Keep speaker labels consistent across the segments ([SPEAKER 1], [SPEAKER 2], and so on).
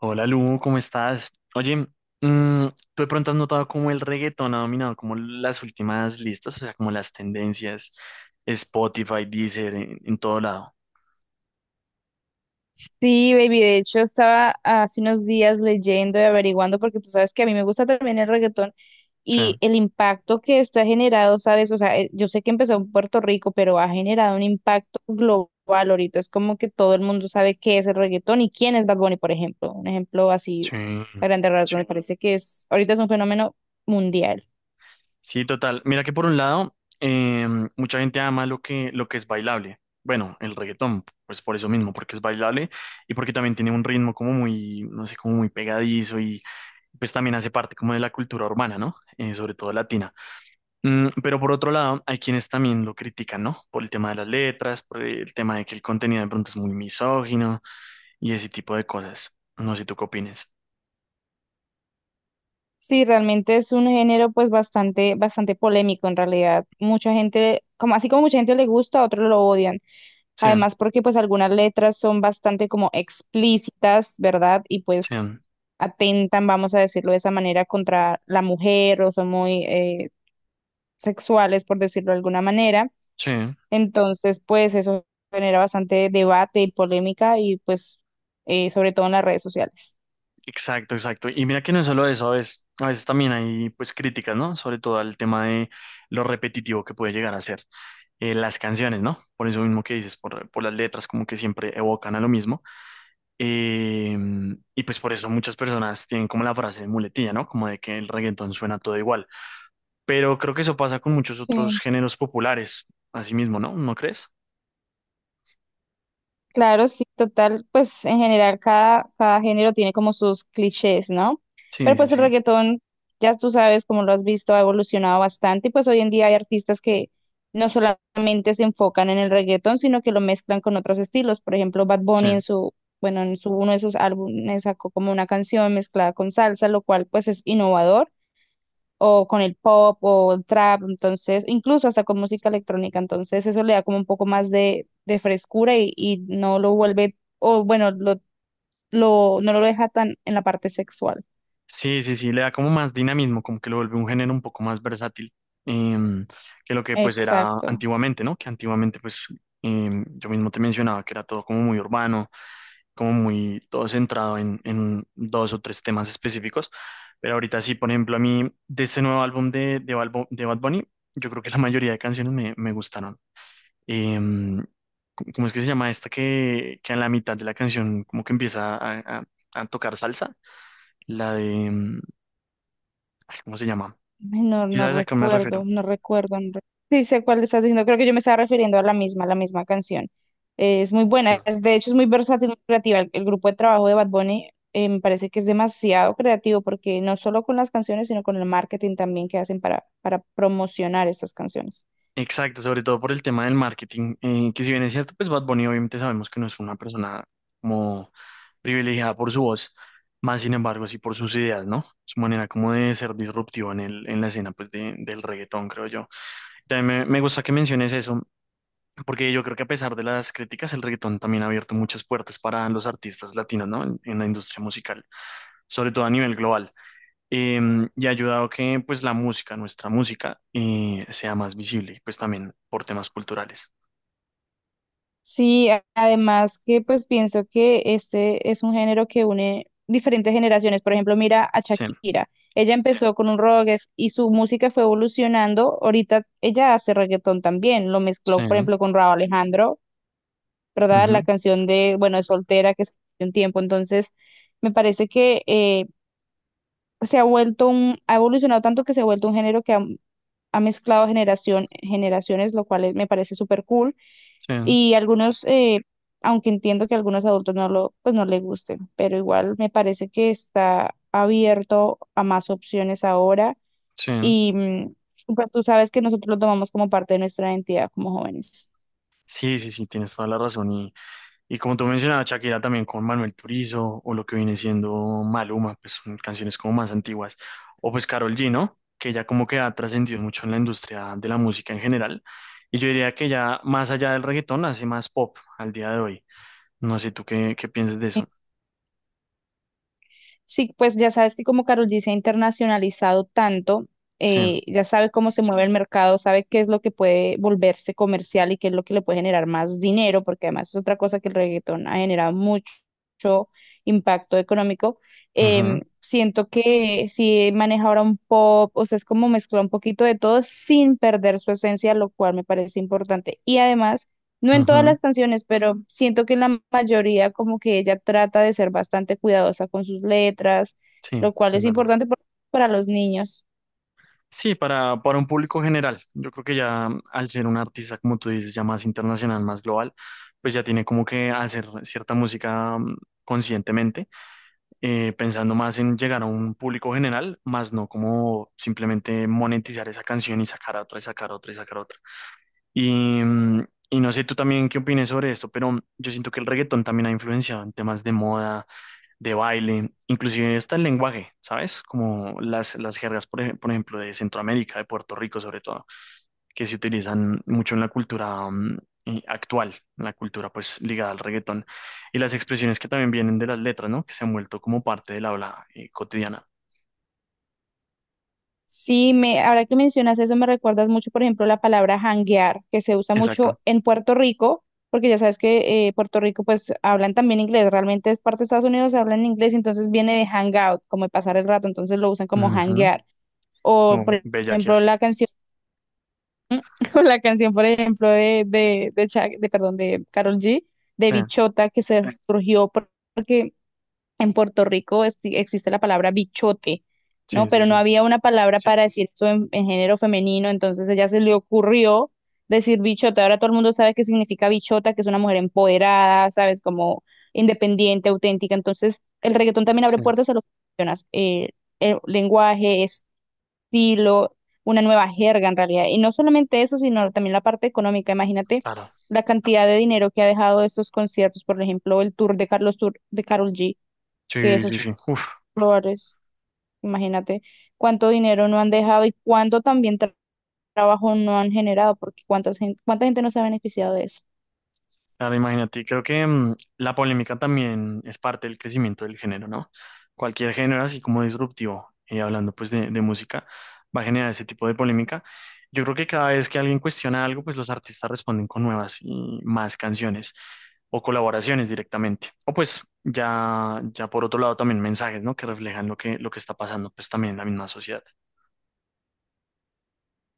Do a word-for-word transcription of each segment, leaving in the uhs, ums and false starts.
[SPEAKER 1] Hola Lu, ¿cómo estás? Oye, mm, ¿tú de pronto has notado cómo el reggaetón ha dominado como las últimas listas, o sea, como las tendencias, Spotify, Deezer, en, en todo lado?
[SPEAKER 2] Sí, baby, de hecho estaba hace unos días leyendo y averiguando porque tú sabes que a mí me gusta también el reggaetón
[SPEAKER 1] Sí,
[SPEAKER 2] y el impacto que está generado, ¿sabes? O sea, eh, yo sé que empezó en Puerto Rico, pero ha generado un impacto global ahorita. Es como que todo el mundo sabe qué es el reggaetón y quién es Bad Bunny, por ejemplo. Un ejemplo así a
[SPEAKER 1] sí.
[SPEAKER 2] grandes rasgos. Me parece que es, ahorita es un fenómeno mundial.
[SPEAKER 1] Sí, total. Mira que por un lado, eh, mucha gente ama lo que, lo que es bailable. Bueno, el reggaetón, pues por eso mismo, porque es bailable y porque también tiene un ritmo como muy, no sé, como muy pegadizo y pues también hace parte como de la cultura urbana, ¿no? Eh, sobre todo latina. Mm, pero por otro lado, hay quienes también lo critican, ¿no? Por el tema de las letras, por el tema de que el contenido de pronto es muy misógino y ese tipo de cosas. No sé tú qué opines.
[SPEAKER 2] Sí, realmente es un género pues bastante, bastante polémico en realidad. Mucha gente, como así como mucha gente le gusta, a otros lo odian.
[SPEAKER 1] Sí,
[SPEAKER 2] Además, porque pues algunas letras son bastante como explícitas, ¿verdad? Y
[SPEAKER 1] sí,
[SPEAKER 2] pues atentan, vamos a decirlo de esa manera, contra la mujer o son muy eh, sexuales, por decirlo de alguna manera.
[SPEAKER 1] sí.
[SPEAKER 2] Entonces, pues eso genera bastante debate y polémica y pues eh, sobre todo en las redes sociales.
[SPEAKER 1] Exacto, exacto. Y mira que no es solo eso, a veces, a veces también hay pues críticas, ¿no? Sobre todo al tema de lo repetitivo que puede llegar a ser eh, las canciones, ¿no? Por eso mismo que dices, por, por las letras como que siempre evocan a lo mismo. Eh, y pues por eso muchas personas tienen como la frase de muletilla, ¿no? Como de que el reggaetón suena todo igual. Pero creo que eso pasa con muchos otros
[SPEAKER 2] Sí.
[SPEAKER 1] géneros populares, así mismo, ¿no? ¿No crees?
[SPEAKER 2] Claro, sí, total, pues en general cada, cada género tiene como sus clichés, ¿no? Pero
[SPEAKER 1] Sí, sí,
[SPEAKER 2] pues el
[SPEAKER 1] sí,
[SPEAKER 2] reggaetón, ya tú sabes, como lo has visto, ha evolucionado bastante y pues hoy en día hay artistas que no solamente se enfocan en el reggaetón, sino que lo mezclan con otros estilos. Por ejemplo, Bad
[SPEAKER 1] sí.
[SPEAKER 2] Bunny en su, bueno, en su, uno de sus álbumes sacó como una canción mezclada con salsa, lo cual pues es innovador o con el pop o el trap, entonces, incluso hasta con música electrónica, entonces eso le da como un poco más de, de frescura y, y no lo vuelve, o bueno, lo, lo, no lo deja tan en la parte sexual.
[SPEAKER 1] Sí, sí, sí, le da como más dinamismo, como que lo vuelve un género un poco más versátil em, que lo que pues era
[SPEAKER 2] Exacto.
[SPEAKER 1] antiguamente, ¿no? Que antiguamente pues em, yo mismo te mencionaba que era todo como muy urbano, como muy todo centrado en, en dos o tres temas específicos, pero ahorita sí, por ejemplo, a mí de ese nuevo álbum de, de, Balbo- de Bad Bunny, yo creo que la mayoría de canciones me, me gustaron. em, ¿Cómo es que se llama esta que, que a la mitad de la canción como que empieza a, a- a tocar salsa? La de, em, ay, ¿cómo se llama?
[SPEAKER 2] Ay, No,
[SPEAKER 1] ¿Sí
[SPEAKER 2] no
[SPEAKER 1] sabes a qué me
[SPEAKER 2] recuerdo,
[SPEAKER 1] refiero?
[SPEAKER 2] no recuerdo. No re- Sí sé cuál estás diciendo, creo que yo me estaba refiriendo a la misma, la misma canción. Eh, es muy
[SPEAKER 1] Sí.
[SPEAKER 2] buena, es- de hecho es muy versátil, muy creativa. El, el grupo de trabajo de Bad Bunny, eh, me parece que es demasiado creativo porque no solo con las canciones, sino con el marketing también que hacen para, para promocionar estas canciones.
[SPEAKER 1] Exacto, sobre todo por el tema del marketing, eh, que si bien es cierto, pues Bad Bunny obviamente sabemos que no es una persona como privilegiada por su voz, más sin embargo sí por sus ideas, ¿no? Su manera como de ser disruptivo en el, en la escena pues de- del reggaetón, creo yo. También me, me gusta que menciones eso, porque yo creo que a pesar de las críticas, el reggaetón también ha abierto muchas puertas para los artistas latinos, ¿no? En, en la industria musical, sobre todo a nivel global. Eh, y ha ayudado que pues la música, nuestra música, eh, sea más visible, pues también por temas culturales.
[SPEAKER 2] Sí, a- además que pues pienso que este es un género que une diferentes generaciones. Por ejemplo, mira a
[SPEAKER 1] Sí,
[SPEAKER 2] Shakira. Ella empezó con un rock, es- y su música fue evolucionando. Ahorita ella hace reggaetón también. Lo mezcló, por
[SPEAKER 1] sí,
[SPEAKER 2] ejemplo, con Rauw Alejandro, ¿verdad? La
[SPEAKER 1] ujú,
[SPEAKER 2] canción de, bueno, de Soltera que se hace un tiempo. Entonces, me parece que eh, se ha vuelto un, ha evolucionado tanto que se ha vuelto un género que ha ha mezclado generación, generaciones, lo cual es- me parece súper cool.
[SPEAKER 1] sí,
[SPEAKER 2] Y algunos, eh, aunque entiendo que a algunos adultos no lo, pues no les gusten, pero igual me parece que está abierto a más opciones ahora.
[SPEAKER 1] sí.
[SPEAKER 2] Y mm, pues tú sabes que nosotros lo tomamos como parte de nuestra identidad como jóvenes.
[SPEAKER 1] Sí, sí, sí, tienes toda la razón. Y como tú mencionabas, Shakira también con Manuel Turizo o lo que viene siendo Maluma, pues son canciones como más antiguas. O pues Karol G, ¿no? Que ya como que ha trascendido mucho en la industria de la música en general. Y yo diría que ya más allá del reggaetón hace más pop al día de hoy. No sé tú qué, qué piensas de eso.
[SPEAKER 2] Sí, pues ya sabes que como Carol G se ha internacionalizado tanto,
[SPEAKER 1] Sí.
[SPEAKER 2] eh, ya sabe cómo se mueve el mercado, sabe qué es lo que puede volverse comercial y qué es lo que le puede generar más dinero, porque además es otra cosa que el reggaetón ha generado mucho, mucho impacto económico.
[SPEAKER 1] Ujú,
[SPEAKER 2] Em, siento que si maneja ahora un pop, o sea, es como mezcla un poquito de todo sin perder su esencia, lo cual me parece importante. Y además no en todas
[SPEAKER 1] ujú.
[SPEAKER 2] las canciones, pero siento que en la mayoría como que ella trata de ser bastante cuidadosa con sus letras,
[SPEAKER 1] Sí,
[SPEAKER 2] lo cual
[SPEAKER 1] es
[SPEAKER 2] es
[SPEAKER 1] verdad.
[SPEAKER 2] importante por- para los niños.
[SPEAKER 1] Sí, para, para un público general. Yo creo que ya al ser un artista, como tú dices, ya más internacional, más global, pues ya tiene como que hacer cierta música mm, conscientemente eh, pensando más en llegar a un público general, más no como simplemente monetizar esa canción y sacar otra y sacar otra y sacar otra. Y, mm, y no sé tú también qué opines sobre esto, pero yo siento que el reggaetón también ha influenciado en temas de moda, de baile, inclusive hasta el lenguaje, ¿sabes? Como las, las jergas, por ej- por ejemplo, de Centroamérica, de Puerto Rico sobre todo que se utilizan mucho en la cultura mm, eh, actual, en la cultura pues ligada al reggaetón, y las expresiones que también vienen de las letras, ¿no? Que se han vuelto como parte del habla eh, cotidiana.
[SPEAKER 2] Sí, me, ahora que mencionas eso, me recuerdas mucho, por ejemplo, la palabra janguear, que se usa
[SPEAKER 1] Exacto.
[SPEAKER 2] mucho en Puerto Rico, porque ya sabes que eh, Puerto Rico pues hablan también inglés, realmente es parte de Estados Unidos, hablan inglés, entonces viene de hangout, como de pasar el rato, entonces lo usan como
[SPEAKER 1] Ujú.
[SPEAKER 2] janguear. O,
[SPEAKER 1] O
[SPEAKER 2] por
[SPEAKER 1] bellaquear.
[SPEAKER 2] ejemplo, la canción O la canción, por ejemplo, de, de, de, Shak- de, perdón, de Karol G, de
[SPEAKER 1] Sí,
[SPEAKER 2] Bichota, que se surgió por- porque en Puerto Rico es- existe la palabra bichote, ¿no?
[SPEAKER 1] sí, sí,
[SPEAKER 2] Pero no
[SPEAKER 1] sí.
[SPEAKER 2] había una palabra, sí, para decir eso en, en género femenino, entonces ella se le ocurrió decir bichota. Ahora todo el mundo sabe qué significa bichota, que es una mujer empoderada, ¿sabes? Como independiente, auténtica. Entonces, el reggaetón también abre
[SPEAKER 1] Sí,
[SPEAKER 2] puertas a lo que mencionas, eh, el lenguaje, estilo, una nueva jerga en realidad. Y no solamente eso, sino también la parte económica. Imagínate
[SPEAKER 1] claro.
[SPEAKER 2] la cantidad de dinero que ha dejado estos conciertos, por ejemplo, el tour de Carlos Tour de Karol G, que
[SPEAKER 1] Sí,
[SPEAKER 2] esos,
[SPEAKER 1] sí,
[SPEAKER 2] sí,
[SPEAKER 1] sí. Uf.
[SPEAKER 2] flores, imagínate cuánto dinero no han dejado y cuánto también tra- trabajo no han generado, porque cuántas gen- cuánta gente no se ha beneficiado de eso.
[SPEAKER 1] Claro, imagínate, creo que mm, la polémica también es parte del crecimiento del género, ¿no? Cualquier género así como disruptivo, y hablando pues de, de música, va a generar ese tipo de polémica. Yo creo que cada vez que alguien cuestiona algo, pues los artistas responden con nuevas y más canciones o colaboraciones directamente. O pues ya, ya por otro lado también mensajes, ¿no? Que reflejan lo que, lo que está pasando pues también en la misma sociedad.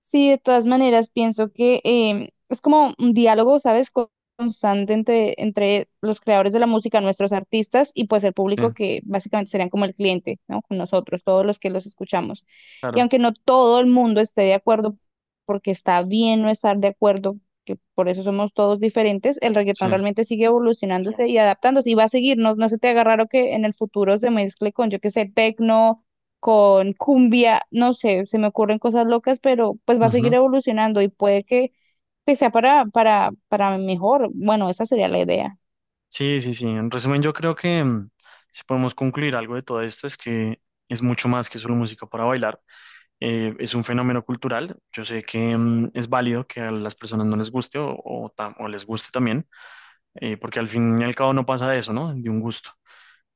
[SPEAKER 2] Sí, de todas maneras, pienso que eh, es como un diálogo, ¿sabes? Con- Constante entre, entre los creadores de la música, nuestros artistas y pues el
[SPEAKER 1] Sí,
[SPEAKER 2] público que básicamente serían como el cliente, ¿no? Con nosotros, todos los que los escuchamos. Y
[SPEAKER 1] claro,
[SPEAKER 2] aunque no todo el mundo esté de acuerdo, porque está bien no estar de acuerdo, que por eso somos todos diferentes, el reggaetón
[SPEAKER 1] sí.
[SPEAKER 2] realmente sigue evolucionándose y adaptándose y va a seguir, no, no se te haga raro que en el futuro se mezcle con, yo qué sé, tecno con cumbia, no sé, se me ocurren cosas locas, pero pues va a seguir evolucionando y puede que, que sea para, para, para mejor. Bueno, esa sería la idea.
[SPEAKER 1] Sí, sí, sí. En resumen, yo creo que mm, si podemos concluir algo de todo esto es que es mucho más que solo música para bailar. Eh, es un fenómeno cultural. Yo sé que mm, es válido que a las personas no les guste o, o ta- o les guste también, eh, porque al fin y al cabo no pasa de eso, ¿no? De un gusto,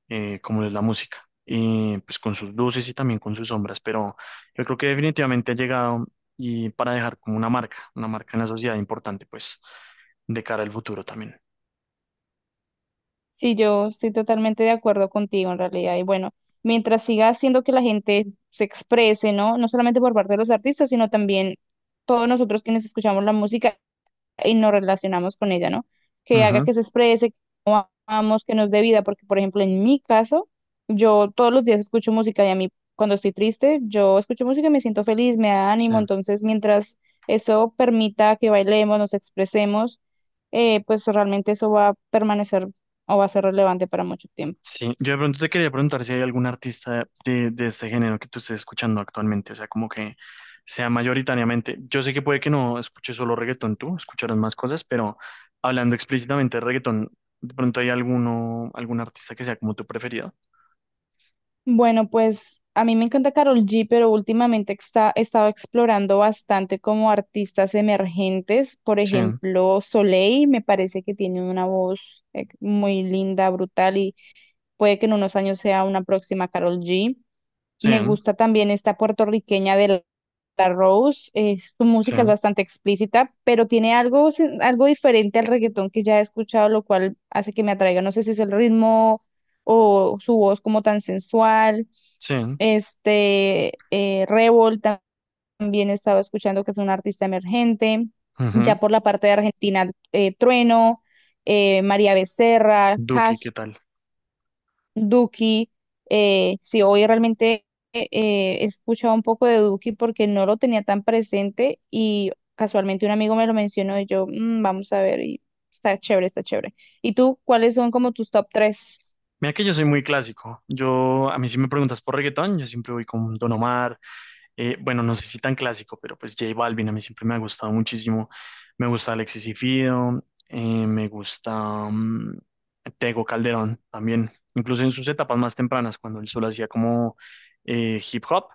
[SPEAKER 1] eh, como es la música. Y pues con sus luces y también con sus sombras, pero yo creo que definitivamente ha llegado y para dejar como una marca, una marca en la sociedad importante, pues, de cara al futuro también.
[SPEAKER 2] Sí, yo estoy totalmente de acuerdo contigo en realidad. Y bueno, mientras siga haciendo que la gente se exprese, ¿no? No solamente por parte de los artistas, sino también todos nosotros quienes escuchamos la música y nos relacionamos con ella, ¿no? Que haga
[SPEAKER 1] Ujú,
[SPEAKER 2] que se exprese, amamos que nos dé vida, porque por ejemplo en mi caso, yo todos los días escucho música y a mí cuando estoy triste, yo escucho música y me siento feliz, me da
[SPEAKER 1] sí.
[SPEAKER 2] ánimo, entonces mientras eso permita que bailemos, nos expresemos, eh, pues realmente eso va a permanecer o va a ser relevante para mucho tiempo.
[SPEAKER 1] Sí, yo de pronto te quería preguntar si hay algún artista de, de este género que tú estés escuchando actualmente, o sea, como que sea mayoritariamente. Yo sé que puede que no escuches solo reggaetón tú, escucharás más cosas, pero hablando explícitamente de reggaetón, ¿de pronto hay alguno, algún artista que sea como tu preferido?
[SPEAKER 2] Bueno, pues a mí me encanta Karol G, pero últimamente está, he estado explorando bastante como artistas emergentes. Por
[SPEAKER 1] Sí,
[SPEAKER 2] ejemplo, Soleil me parece que tiene una voz eh, muy linda, brutal y puede que en unos años sea una próxima Carol G.
[SPEAKER 1] sí,
[SPEAKER 2] Me gusta también esta puertorriqueña de la Rose. Eh, su
[SPEAKER 1] sí,
[SPEAKER 2] música es bastante explícita, pero tiene algo, sen- algo diferente al reggaetón que ya he escuchado, lo cual hace que me atraiga. No sé si es el ritmo o su voz como tan sensual.
[SPEAKER 1] sí.
[SPEAKER 2] Este, eh, Revol tam- también estaba escuchando que es un artista emergente.
[SPEAKER 1] Ujú.
[SPEAKER 2] Ya por la parte de Argentina, eh, Trueno, eh, María Becerra,
[SPEAKER 1] Duki, ¿qué tal?
[SPEAKER 2] Duki, eh, sí, hoy realmente eh, he escuchado un poco de Duki porque no lo tenía tan presente y casualmente un amigo me lo mencionó y yo, "Mm, vamos a ver", y está chévere, está chévere. ¿Y tú, cuáles son como tus top tres?
[SPEAKER 1] Mira que yo soy muy clásico. Yo, a mí si me preguntas por reggaetón, yo siempre voy con Don Omar, eh, bueno, no sé si tan clásico, pero pues J Balvin a mí siempre me ha gustado muchísimo. Me gusta Alexis y Fido, eh, me gusta mm, Tego Calderón también, incluso en sus etapas más tempranas, cuando él solo hacía como eh, hip hop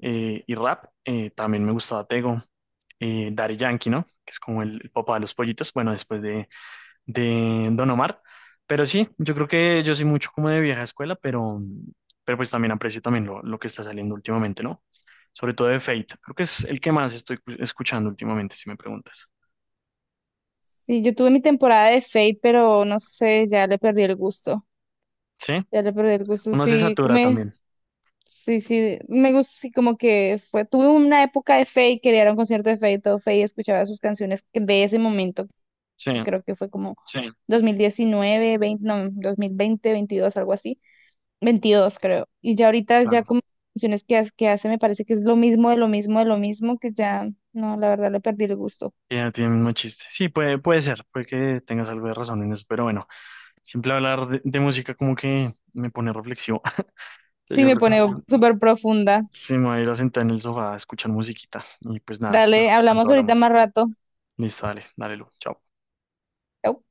[SPEAKER 1] eh, y rap, eh, también me gustaba Tego, eh, Daddy Yankee, ¿no? Que es como el, el papá de los pollitos, bueno, después de, de Don Omar. Pero sí, yo creo que yo soy mucho como de vieja escuela, pero, pero pues también aprecio también lo, lo que está saliendo últimamente, ¿no? Sobre todo de Fate. Creo que es el que más estoy cu- escuchando últimamente, si me preguntas.
[SPEAKER 2] Sí, yo tuve mi temporada de Fate, pero no sé, ya le perdí el gusto,
[SPEAKER 1] ¿Sí?
[SPEAKER 2] ya le perdí el gusto,
[SPEAKER 1] Uno se
[SPEAKER 2] sí,
[SPEAKER 1] satura
[SPEAKER 2] me...
[SPEAKER 1] también.
[SPEAKER 2] Sí, sí, me gusta, sí, como que fue, tuve una época de Fate, quería ir a un concierto de Fate, todo Fate, escuchaba sus canciones de ese momento,
[SPEAKER 1] Sí,
[SPEAKER 2] que creo que fue como dos mil diecinueve veinte no, dos mil veinte veintidós algo así. Veintidós creo. Y ya ahorita, ya
[SPEAKER 1] claro.
[SPEAKER 2] como canciones que, ha- que hace, me parece que es lo mismo, de lo mismo, de lo mismo, que ya, no, la verdad le perdí el gusto.
[SPEAKER 1] Ya tiene el mismo chiste. Sí, puede, puede ser, puede que tengas algo de razón en eso, pero bueno, siempre hablar de, de música como que me pone reflexivo. Entonces
[SPEAKER 2] Sí,
[SPEAKER 1] yo
[SPEAKER 2] me
[SPEAKER 1] creo
[SPEAKER 2] pone
[SPEAKER 1] que
[SPEAKER 2] súper profunda.
[SPEAKER 1] sí me voy a ir a sentar en el sofá a escuchar musiquita y pues nada, en
[SPEAKER 2] Dale,
[SPEAKER 1] otro momento
[SPEAKER 2] hablamos ahorita
[SPEAKER 1] hablamos.
[SPEAKER 2] más rato.
[SPEAKER 1] Listo, dale, dale, Lu. Chao.
[SPEAKER 2] Chau.